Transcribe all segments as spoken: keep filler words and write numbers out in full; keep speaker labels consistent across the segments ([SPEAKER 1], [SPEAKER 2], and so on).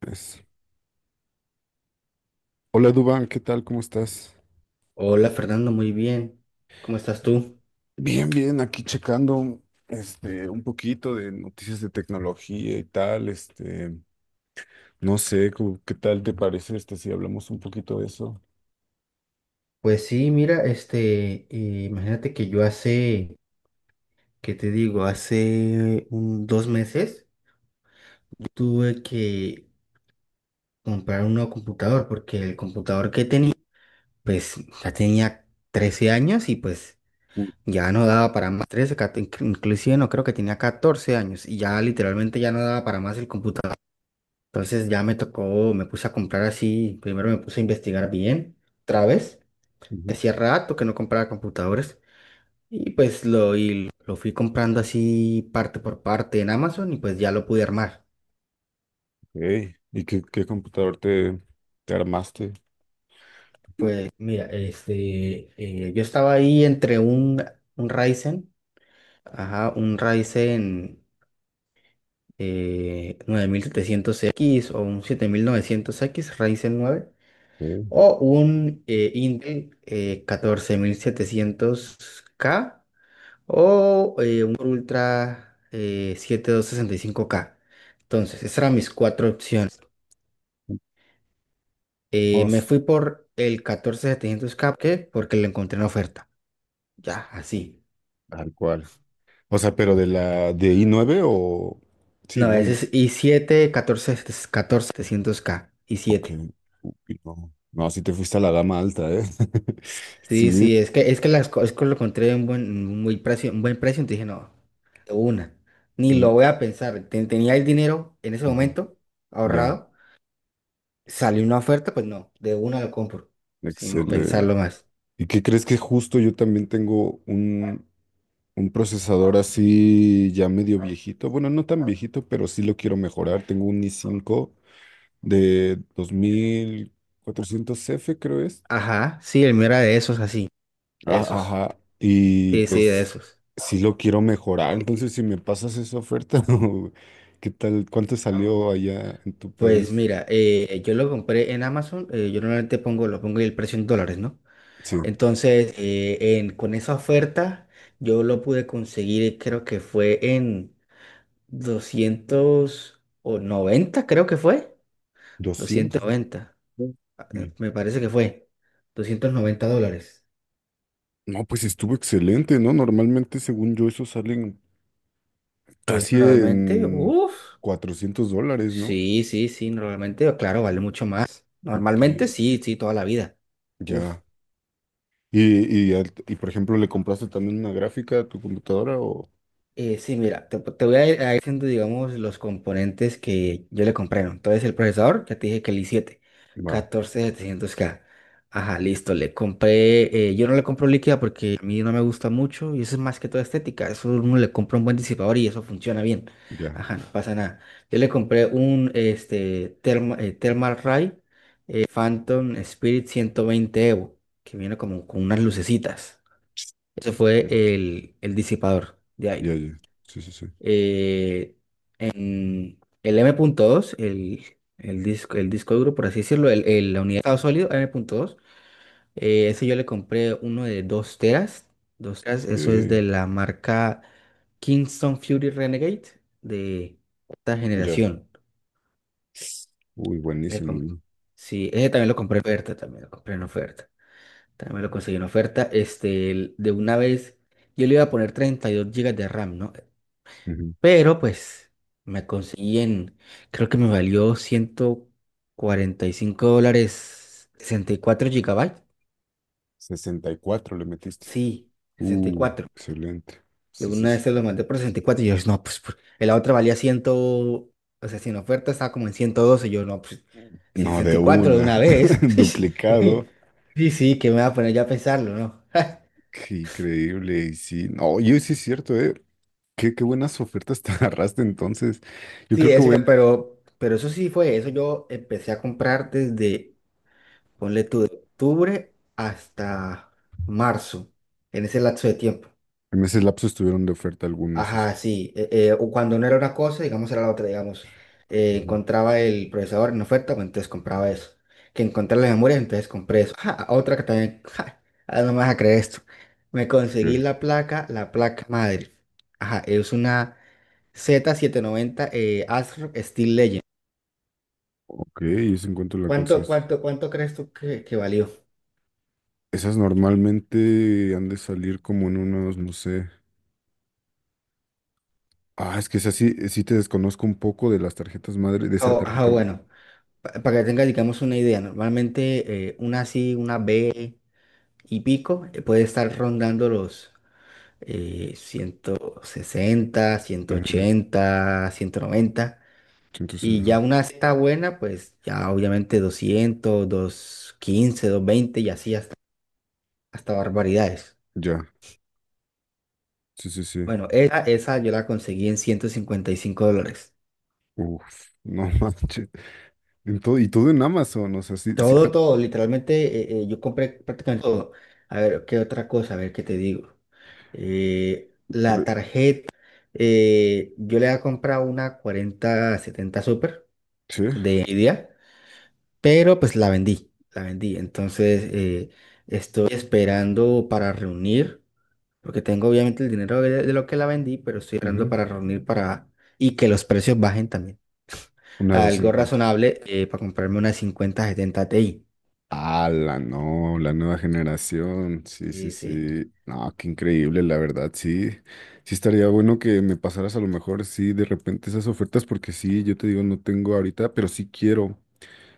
[SPEAKER 1] Pues, Hola Duban, ¿qué tal? ¿Cómo estás?
[SPEAKER 2] Hola Fernando, muy bien. ¿Cómo estás tú?
[SPEAKER 1] Bien, bien, aquí checando este un poquito de noticias de tecnología y tal, este, no sé, como, ¿qué tal te parece este si hablamos un poquito de eso?
[SPEAKER 2] Pues sí, mira, este, eh, imagínate que yo hace, ¿qué te digo? Hace un, dos meses tuve que comprar un nuevo computador porque el computador que tenía, pues ya tenía trece años y pues
[SPEAKER 1] Mm,
[SPEAKER 2] ya no daba para más. Trece, cat- inc- inclusive no creo que tenía catorce años y ya literalmente ya no daba para más el computador. Entonces ya me tocó, me puse a comprar así, primero me puse a investigar bien, otra vez.
[SPEAKER 1] ujú.
[SPEAKER 2] Hacía rato que no compraba computadores y pues lo, y lo fui comprando así parte por parte en Amazon y pues ya lo pude armar.
[SPEAKER 1] Ey, ¿Y qué, qué computador te, te armaste?
[SPEAKER 2] Mira, este, eh, yo estaba ahí entre un, un Ryzen, ajá, un Ryzen eh, nueve mil setecientos x o un siete mil novecientos x Ryzen nueve
[SPEAKER 1] Sí.
[SPEAKER 2] o un eh, Intel eh, catorce mil setecientos k o eh, un Core Ultra eh, siete dos seis cinco K. Entonces, esas eran mis cuatro opciones. Eh,
[SPEAKER 1] Oh,
[SPEAKER 2] me fui
[SPEAKER 1] s-
[SPEAKER 2] por el catorce mil setecientos K, ¿qué? Porque lo encontré en oferta. Ya, así.
[SPEAKER 1] Tal cual. O sea, pero de la de i nueve o sí,
[SPEAKER 2] No,
[SPEAKER 1] no,
[SPEAKER 2] ese es i siete, catorce, catorce mil setecientos K, i
[SPEAKER 1] ok.
[SPEAKER 2] siete.
[SPEAKER 1] Uy, no, no, sí te fuiste a la gama alta, ¿eh?
[SPEAKER 2] Sí,
[SPEAKER 1] Sí.
[SPEAKER 2] sí, es que, es que las co- es que lo encontré en buen, en un buen precio, un buen precio, entonces dije, no, de una. Ni
[SPEAKER 1] Mm,
[SPEAKER 2] lo voy a pensar. Ten- tenía el dinero en ese
[SPEAKER 1] ujú.
[SPEAKER 2] momento
[SPEAKER 1] Ya,
[SPEAKER 2] ahorrado. Sale una oferta, pues no, de una lo compro, sin
[SPEAKER 1] excelente.
[SPEAKER 2] pensarlo más.
[SPEAKER 1] ¿Y qué crees que justo yo también tengo un, un procesador así ya medio viejito? Bueno, no tan viejito, pero sí lo quiero mejorar. Tengo un i cinco de dos mil cuatrocientos f creo es.
[SPEAKER 2] Ajá, sí, el mío era de esos así,
[SPEAKER 1] Ah,
[SPEAKER 2] esos.
[SPEAKER 1] ajá. Y
[SPEAKER 2] Sí, sí, de
[SPEAKER 1] pues
[SPEAKER 2] esos.
[SPEAKER 1] sí lo quiero mejorar. Entonces,
[SPEAKER 2] Eh,
[SPEAKER 1] si me pasas esa oferta, o ¿qué tal? ¿Cuánto salió allá en tu
[SPEAKER 2] Pues
[SPEAKER 1] país?
[SPEAKER 2] mira, eh, yo lo compré en Amazon, eh, yo normalmente pongo, lo pongo el precio en dólares, ¿no?
[SPEAKER 1] Sí,
[SPEAKER 2] Entonces, eh, en- con esa oferta, yo lo pude conseguir, creo que fue en doscientos noventa creo que fue.
[SPEAKER 1] doscientos, ¿no?
[SPEAKER 2] doscientos noventa,
[SPEAKER 1] Sí.
[SPEAKER 2] eh, me parece que fue. Doscientos noventa dólares.
[SPEAKER 1] No, pues estuvo excelente, ¿no? Normalmente, según yo, eso salen
[SPEAKER 2] Pues
[SPEAKER 1] casi
[SPEAKER 2] normalmente,
[SPEAKER 1] en
[SPEAKER 2] uff.
[SPEAKER 1] cuatrocientos dólares, ¿no?
[SPEAKER 2] Sí, sí, sí, normalmente, claro, vale mucho más. Normalmente
[SPEAKER 1] Porque
[SPEAKER 2] sí, sí, toda la vida. Uf.
[SPEAKER 1] ya. Y, y, al- y, por ejemplo, ¿le compraste también una gráfica a tu computadora o...?
[SPEAKER 2] Eh, sí, mira, te, te voy a ir a ir diciendo, digamos, los componentes que yo le compré, ¿no? Entonces, el procesador, ya te dije que el i siete,
[SPEAKER 1] Va,
[SPEAKER 2] catorce mil setecientos K. Ajá, listo, le compré, eh, yo no le compro líquida porque a mí no me gusta mucho y eso es más que todo estética. Eso uno le compra un buen disipador y eso funciona bien.
[SPEAKER 1] ya.
[SPEAKER 2] Ajá, no pasa nada. Yo le compré un, este, Therma, eh, Thermalray Phantom Spirit ciento veinte Evo, que viene como con unas lucecitas. Ese fue
[SPEAKER 1] Sí,
[SPEAKER 2] el, el disipador de
[SPEAKER 1] ya,
[SPEAKER 2] aire.
[SPEAKER 1] ya. Sí, sí, sí.
[SPEAKER 2] Eh, en el M.dos, el, el disco, el disco duro, por así decirlo, el, el- la unidad de estado sólido M.dos, eh, ese yo le compré uno de dos teras. Dos teras, eso es de
[SPEAKER 1] Sí,
[SPEAKER 2] la marca Kingston Fury Renegade de esta
[SPEAKER 1] ya.
[SPEAKER 2] generación.
[SPEAKER 1] Uy,
[SPEAKER 2] Le
[SPEAKER 1] buenísimo,
[SPEAKER 2] comp-
[SPEAKER 1] güey.
[SPEAKER 2] sí, ese también lo compré en oferta, también lo compré en oferta. También me lo conseguí en oferta. Este, el- de una vez, yo le iba a poner treinta y dos gigas de RAM, ¿no?
[SPEAKER 1] Ujú.
[SPEAKER 2] Pero pues me conseguí en, creo que me valió ciento cuarenta y cinco dólares, sesenta y cuatro gigabytes.
[SPEAKER 1] Sesenta y cuatro le metiste.
[SPEAKER 2] Sí, sesenta y
[SPEAKER 1] Uh,
[SPEAKER 2] cuatro
[SPEAKER 1] excelente.
[SPEAKER 2] Yo
[SPEAKER 1] Sí, sí,
[SPEAKER 2] una
[SPEAKER 1] sí.
[SPEAKER 2] vez se lo mandé por sesenta y cuatro y yo, no, pues, por- la otra valía cien, o sea, sin oferta estaba como en ciento doce. Yo, no, pues, si
[SPEAKER 1] No,
[SPEAKER 2] sesenta
[SPEAKER 1] de
[SPEAKER 2] y cuatro de
[SPEAKER 1] una.
[SPEAKER 2] una vez.
[SPEAKER 1] Duplicado.
[SPEAKER 2] Sí, sí, que me va a poner ya a pensarlo, ¿no?
[SPEAKER 1] Qué increíble. Y sí, no, yo sí, es cierto, ¿eh? Qué, qué buenas ofertas te agarraste entonces. Yo
[SPEAKER 2] Sí,
[SPEAKER 1] creo que
[SPEAKER 2] es
[SPEAKER 1] voy
[SPEAKER 2] cierto,
[SPEAKER 1] a
[SPEAKER 2] pero, pero eso sí fue eso. Yo empecé a comprar desde, ponle tú, de octubre hasta marzo, en ese lapso de tiempo.
[SPEAKER 1] en ese lapso estuvieron de oferta algunos, así.
[SPEAKER 2] Ajá, sí. eh, eh, o cuando no era una cosa, digamos, era la otra, digamos. eh,
[SPEAKER 1] Ujú.
[SPEAKER 2] encontraba el procesador en oferta, pues entonces compraba eso. Que encontré la memoria, entonces compré eso. Ja, otra que también, ja, ah, no me vas a creer esto. Me conseguí
[SPEAKER 1] Ok,
[SPEAKER 2] la placa, la placa madre. Ajá, es una Z setecientos noventa eh, Acer Steel Legend.
[SPEAKER 1] ok, ¿y ese encuentro la
[SPEAKER 2] ¿Cuánto,
[SPEAKER 1] conseguiste?
[SPEAKER 2] cuánto, cuánto crees tú que, que valió?
[SPEAKER 1] Esas normalmente han de salir como en unos, no sé. Ah, es que esa sí, sí te desconozco un poco de las tarjetas madre, de esa
[SPEAKER 2] Ah, ah,
[SPEAKER 1] tarjeta, ¿no?
[SPEAKER 2] bueno, pa- para que tengas, digamos, una idea, normalmente eh, una sí, una B y pico eh, puede estar rondando los eh, ciento sesenta, ciento
[SPEAKER 1] Ujú,
[SPEAKER 2] ochenta, ciento noventa
[SPEAKER 1] entonces,
[SPEAKER 2] y ya
[SPEAKER 1] ajá,
[SPEAKER 2] una está buena, pues ya obviamente doscientos, doscientos quince, doscientos quince, veinte y así hasta, hasta barbaridades.
[SPEAKER 1] ya, sí, sí, sí.
[SPEAKER 2] Bueno, esa, esa yo la conseguí en ciento cincuenta y cinco dólares.
[SPEAKER 1] Uf, no manches. En todo- y todo en Amazon, o sea, sí, sí,
[SPEAKER 2] Todo,
[SPEAKER 1] era
[SPEAKER 2] todo, literalmente eh, eh, yo compré prácticamente todo. A ver, ¿qué otra cosa? A ver, ¿qué te digo? Eh,
[SPEAKER 1] por-
[SPEAKER 2] la
[SPEAKER 1] e,
[SPEAKER 2] tarjeta, eh, yo le había comprado una cuarenta setenta Super
[SPEAKER 1] sí,
[SPEAKER 2] de Nvidia, pero pues la vendí, la vendí. Entonces eh, estoy esperando para reunir, porque tengo obviamente el dinero de, de lo que la vendí, pero estoy esperando
[SPEAKER 1] ujú,
[SPEAKER 2] para reunir para y que los precios bajen también.
[SPEAKER 1] una de
[SPEAKER 2] Algo
[SPEAKER 1] cincuenta.
[SPEAKER 2] razonable eh, para comprarme una cincuenta setenta Ti.
[SPEAKER 1] Ah, la no, la nueva generación. Sí, sí,
[SPEAKER 2] Sí, sí.
[SPEAKER 1] sí. No, qué increíble, la verdad, sí. Sí estaría bueno que me pasaras a lo mejor, sí, de repente esas ofertas, porque sí, yo te digo, no tengo ahorita, pero sí quiero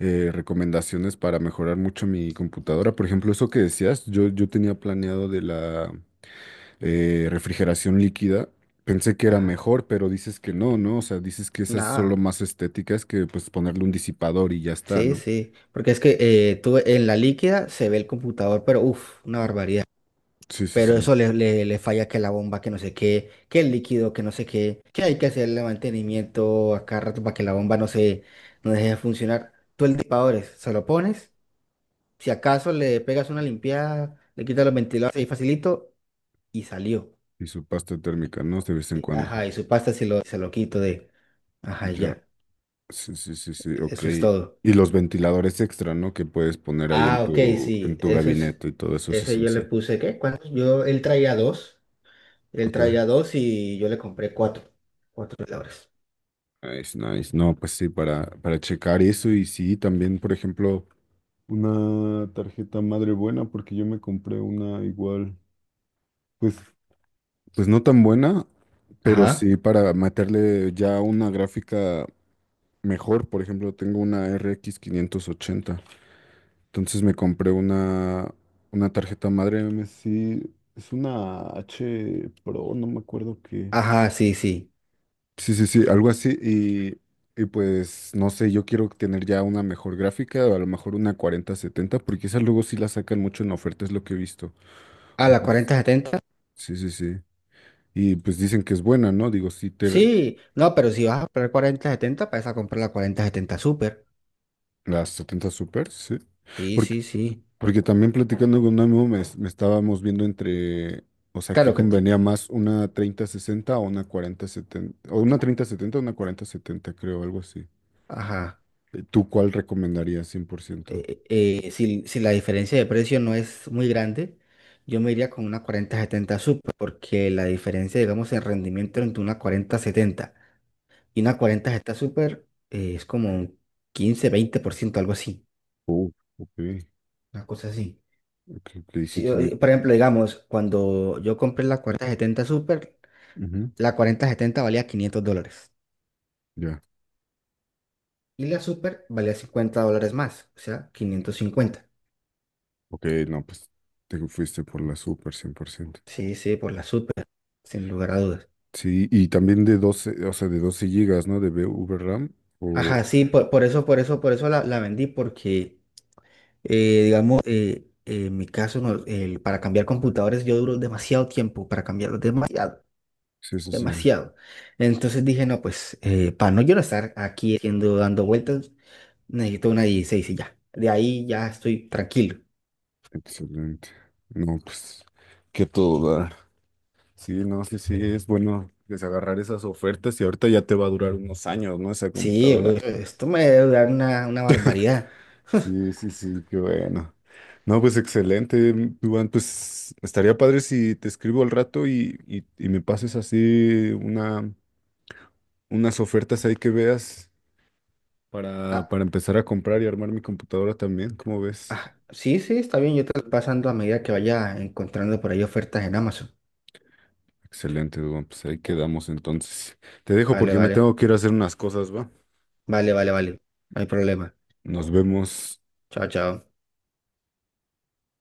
[SPEAKER 1] eh, recomendaciones para mejorar mucho mi computadora. Por ejemplo, eso que decías, yo, yo tenía planeado de la eh, refrigeración líquida. Pensé que era mejor, pero dices que no, ¿no? O sea, dices que esas son solo
[SPEAKER 2] Nada,
[SPEAKER 1] más estéticas que pues ponerle un disipador y ya está,
[SPEAKER 2] sí,
[SPEAKER 1] ¿no?
[SPEAKER 2] sí, porque es que eh, tú en la líquida se ve el computador, pero uff, una barbaridad.
[SPEAKER 1] Sí, sí,
[SPEAKER 2] Pero
[SPEAKER 1] sí.
[SPEAKER 2] eso le, le, le falla que la bomba, que no sé qué, que el líquido, que no sé qué, que hay que hacerle mantenimiento a cada rato para que la bomba no se no deje de funcionar. Tú el disipador se lo pones, si acaso le pegas una limpiada, le quitas los ventiladores ahí facilito y salió.
[SPEAKER 1] Y su pasta térmica, ¿no? De vez en cuando.
[SPEAKER 2] Ajá, y su pasta se lo, se lo quito de, ajá,
[SPEAKER 1] Ya.
[SPEAKER 2] ya,
[SPEAKER 1] Sí, sí, sí, sí, ok.
[SPEAKER 2] eso es todo.
[SPEAKER 1] Y los ventiladores extra, ¿no? Que puedes poner ahí en
[SPEAKER 2] Ah, ok,
[SPEAKER 1] tu, en
[SPEAKER 2] sí,
[SPEAKER 1] tu
[SPEAKER 2] eso es,
[SPEAKER 1] gabinete y todo eso es
[SPEAKER 2] ese yo le
[SPEAKER 1] esencial.
[SPEAKER 2] puse, ¿qué? ¿Cuántos? Yo, él traía dos, él
[SPEAKER 1] Ok.
[SPEAKER 2] traía dos y yo le compré cuatro, cuatro veladores.
[SPEAKER 1] Nice, nice. No, pues sí, para, para checar eso y sí, también, por ejemplo, una tarjeta madre buena, porque yo me compré una igual, pues. Pues no tan buena, pero
[SPEAKER 2] Ajá,
[SPEAKER 1] sí para meterle ya una gráfica mejor. Por ejemplo, tengo una R X ochenta. Entonces me compré una, una tarjeta madre M S I. Es una H Pro, no me acuerdo qué.
[SPEAKER 2] ajá, sí, sí.
[SPEAKER 1] Sí, sí, sí, algo así. Y, y pues no sé, yo quiero tener ya una mejor gráfica, o a lo mejor una cuarenta setenta porque esas luego sí las sacan mucho en oferta, es lo que he visto.
[SPEAKER 2] ¿A
[SPEAKER 1] O
[SPEAKER 2] la
[SPEAKER 1] sea, s-
[SPEAKER 2] cuarenta setenta?
[SPEAKER 1] sí, sí, sí. Y pues dicen que es buena, ¿no? Digo, sí, te,
[SPEAKER 2] Sí, no, pero si vas a comprar cuarenta setenta, vas a comprar la cuarenta setenta Super.
[SPEAKER 1] las setenta Super, sí.
[SPEAKER 2] Sí,
[SPEAKER 1] Porque,
[SPEAKER 2] sí, sí.
[SPEAKER 1] porque también platicando con un amigo me, me estábamos viendo entre, o sea, ¿qué
[SPEAKER 2] Claro que, t-
[SPEAKER 1] convenía más? ¿Una treinta sesenta o una cuarenta setenta? O una treinta setenta o una cuarenta setenta creo, algo así.
[SPEAKER 2] ajá,
[SPEAKER 1] ¿Tú cuál recomendarías cien por ciento?
[SPEAKER 2] eh, eh, si, si la diferencia de precio no es muy grande, yo me iría con una cuarenta setenta Super, porque la diferencia, digamos, en rendimiento entre una cuarenta setenta y una cuarenta está súper, eh, es como un quince, veinte por ciento algo así,
[SPEAKER 1] Uh, Ok,
[SPEAKER 2] una cosa así.
[SPEAKER 1] ok, ok, sí
[SPEAKER 2] Si,
[SPEAKER 1] tiene...
[SPEAKER 2] eh, por ejemplo, digamos, cuando yo compré la cuarenta setenta Super,
[SPEAKER 1] Ujú,
[SPEAKER 2] la cuarenta setenta valía quinientos dólares
[SPEAKER 1] ya,
[SPEAKER 2] y la Super valía cincuenta dólares más, o sea, quinientos cincuenta.
[SPEAKER 1] ok, no, pues te fuiste por la Super cien por ciento.
[SPEAKER 2] Sí, sí, por la Super, sin lugar a dudas.
[SPEAKER 1] Sí, y también de doce, o sea, de doce gigas, ¿no? De V RAM, o...
[SPEAKER 2] Ajá, sí, por, por eso, por eso, por eso la, la vendí, porque, eh, digamos, eh, en mi caso, no, el- para cambiar computadores yo duro demasiado tiempo, para cambiarlos demasiado
[SPEAKER 1] Sí, sí, sí,
[SPEAKER 2] demasiado. Entonces dije, no, pues eh, para no yo no estar aquí haciendo, dando vueltas, necesito una dieciséis y ya. De ahí ya estoy tranquilo.
[SPEAKER 1] excelente. No, pues, que todo da. Sí, no, sí, sí, es bueno desagarrar esas ofertas y ahorita ya te va a durar unos años, ¿no? Esa
[SPEAKER 2] Sí,
[SPEAKER 1] computadora.
[SPEAKER 2] pues, esto me debe durar una, una barbaridad.
[SPEAKER 1] Sí, sí, sí, qué bueno. No, pues excelente, mm, Iván. Pues estaría padre si te escribo al rato y, y- y me pases así una, unas ofertas ahí que veas para,
[SPEAKER 2] Ah,
[SPEAKER 1] para empezar a comprar y armar mi computadora también. ¿Cómo ves?
[SPEAKER 2] ah, sí, sí, está bien, yo te lo voy pasando a medida que vaya encontrando por ahí ofertas en Amazon.
[SPEAKER 1] Excelente, Iván. Pues ahí quedamos entonces. Te dejo
[SPEAKER 2] Vale,
[SPEAKER 1] porque me
[SPEAKER 2] vale,
[SPEAKER 1] tengo que ir a hacer unas cosas, ¿va?
[SPEAKER 2] vale, vale, vale. No hay problema.
[SPEAKER 1] Nos vemos.
[SPEAKER 2] Chao, chao.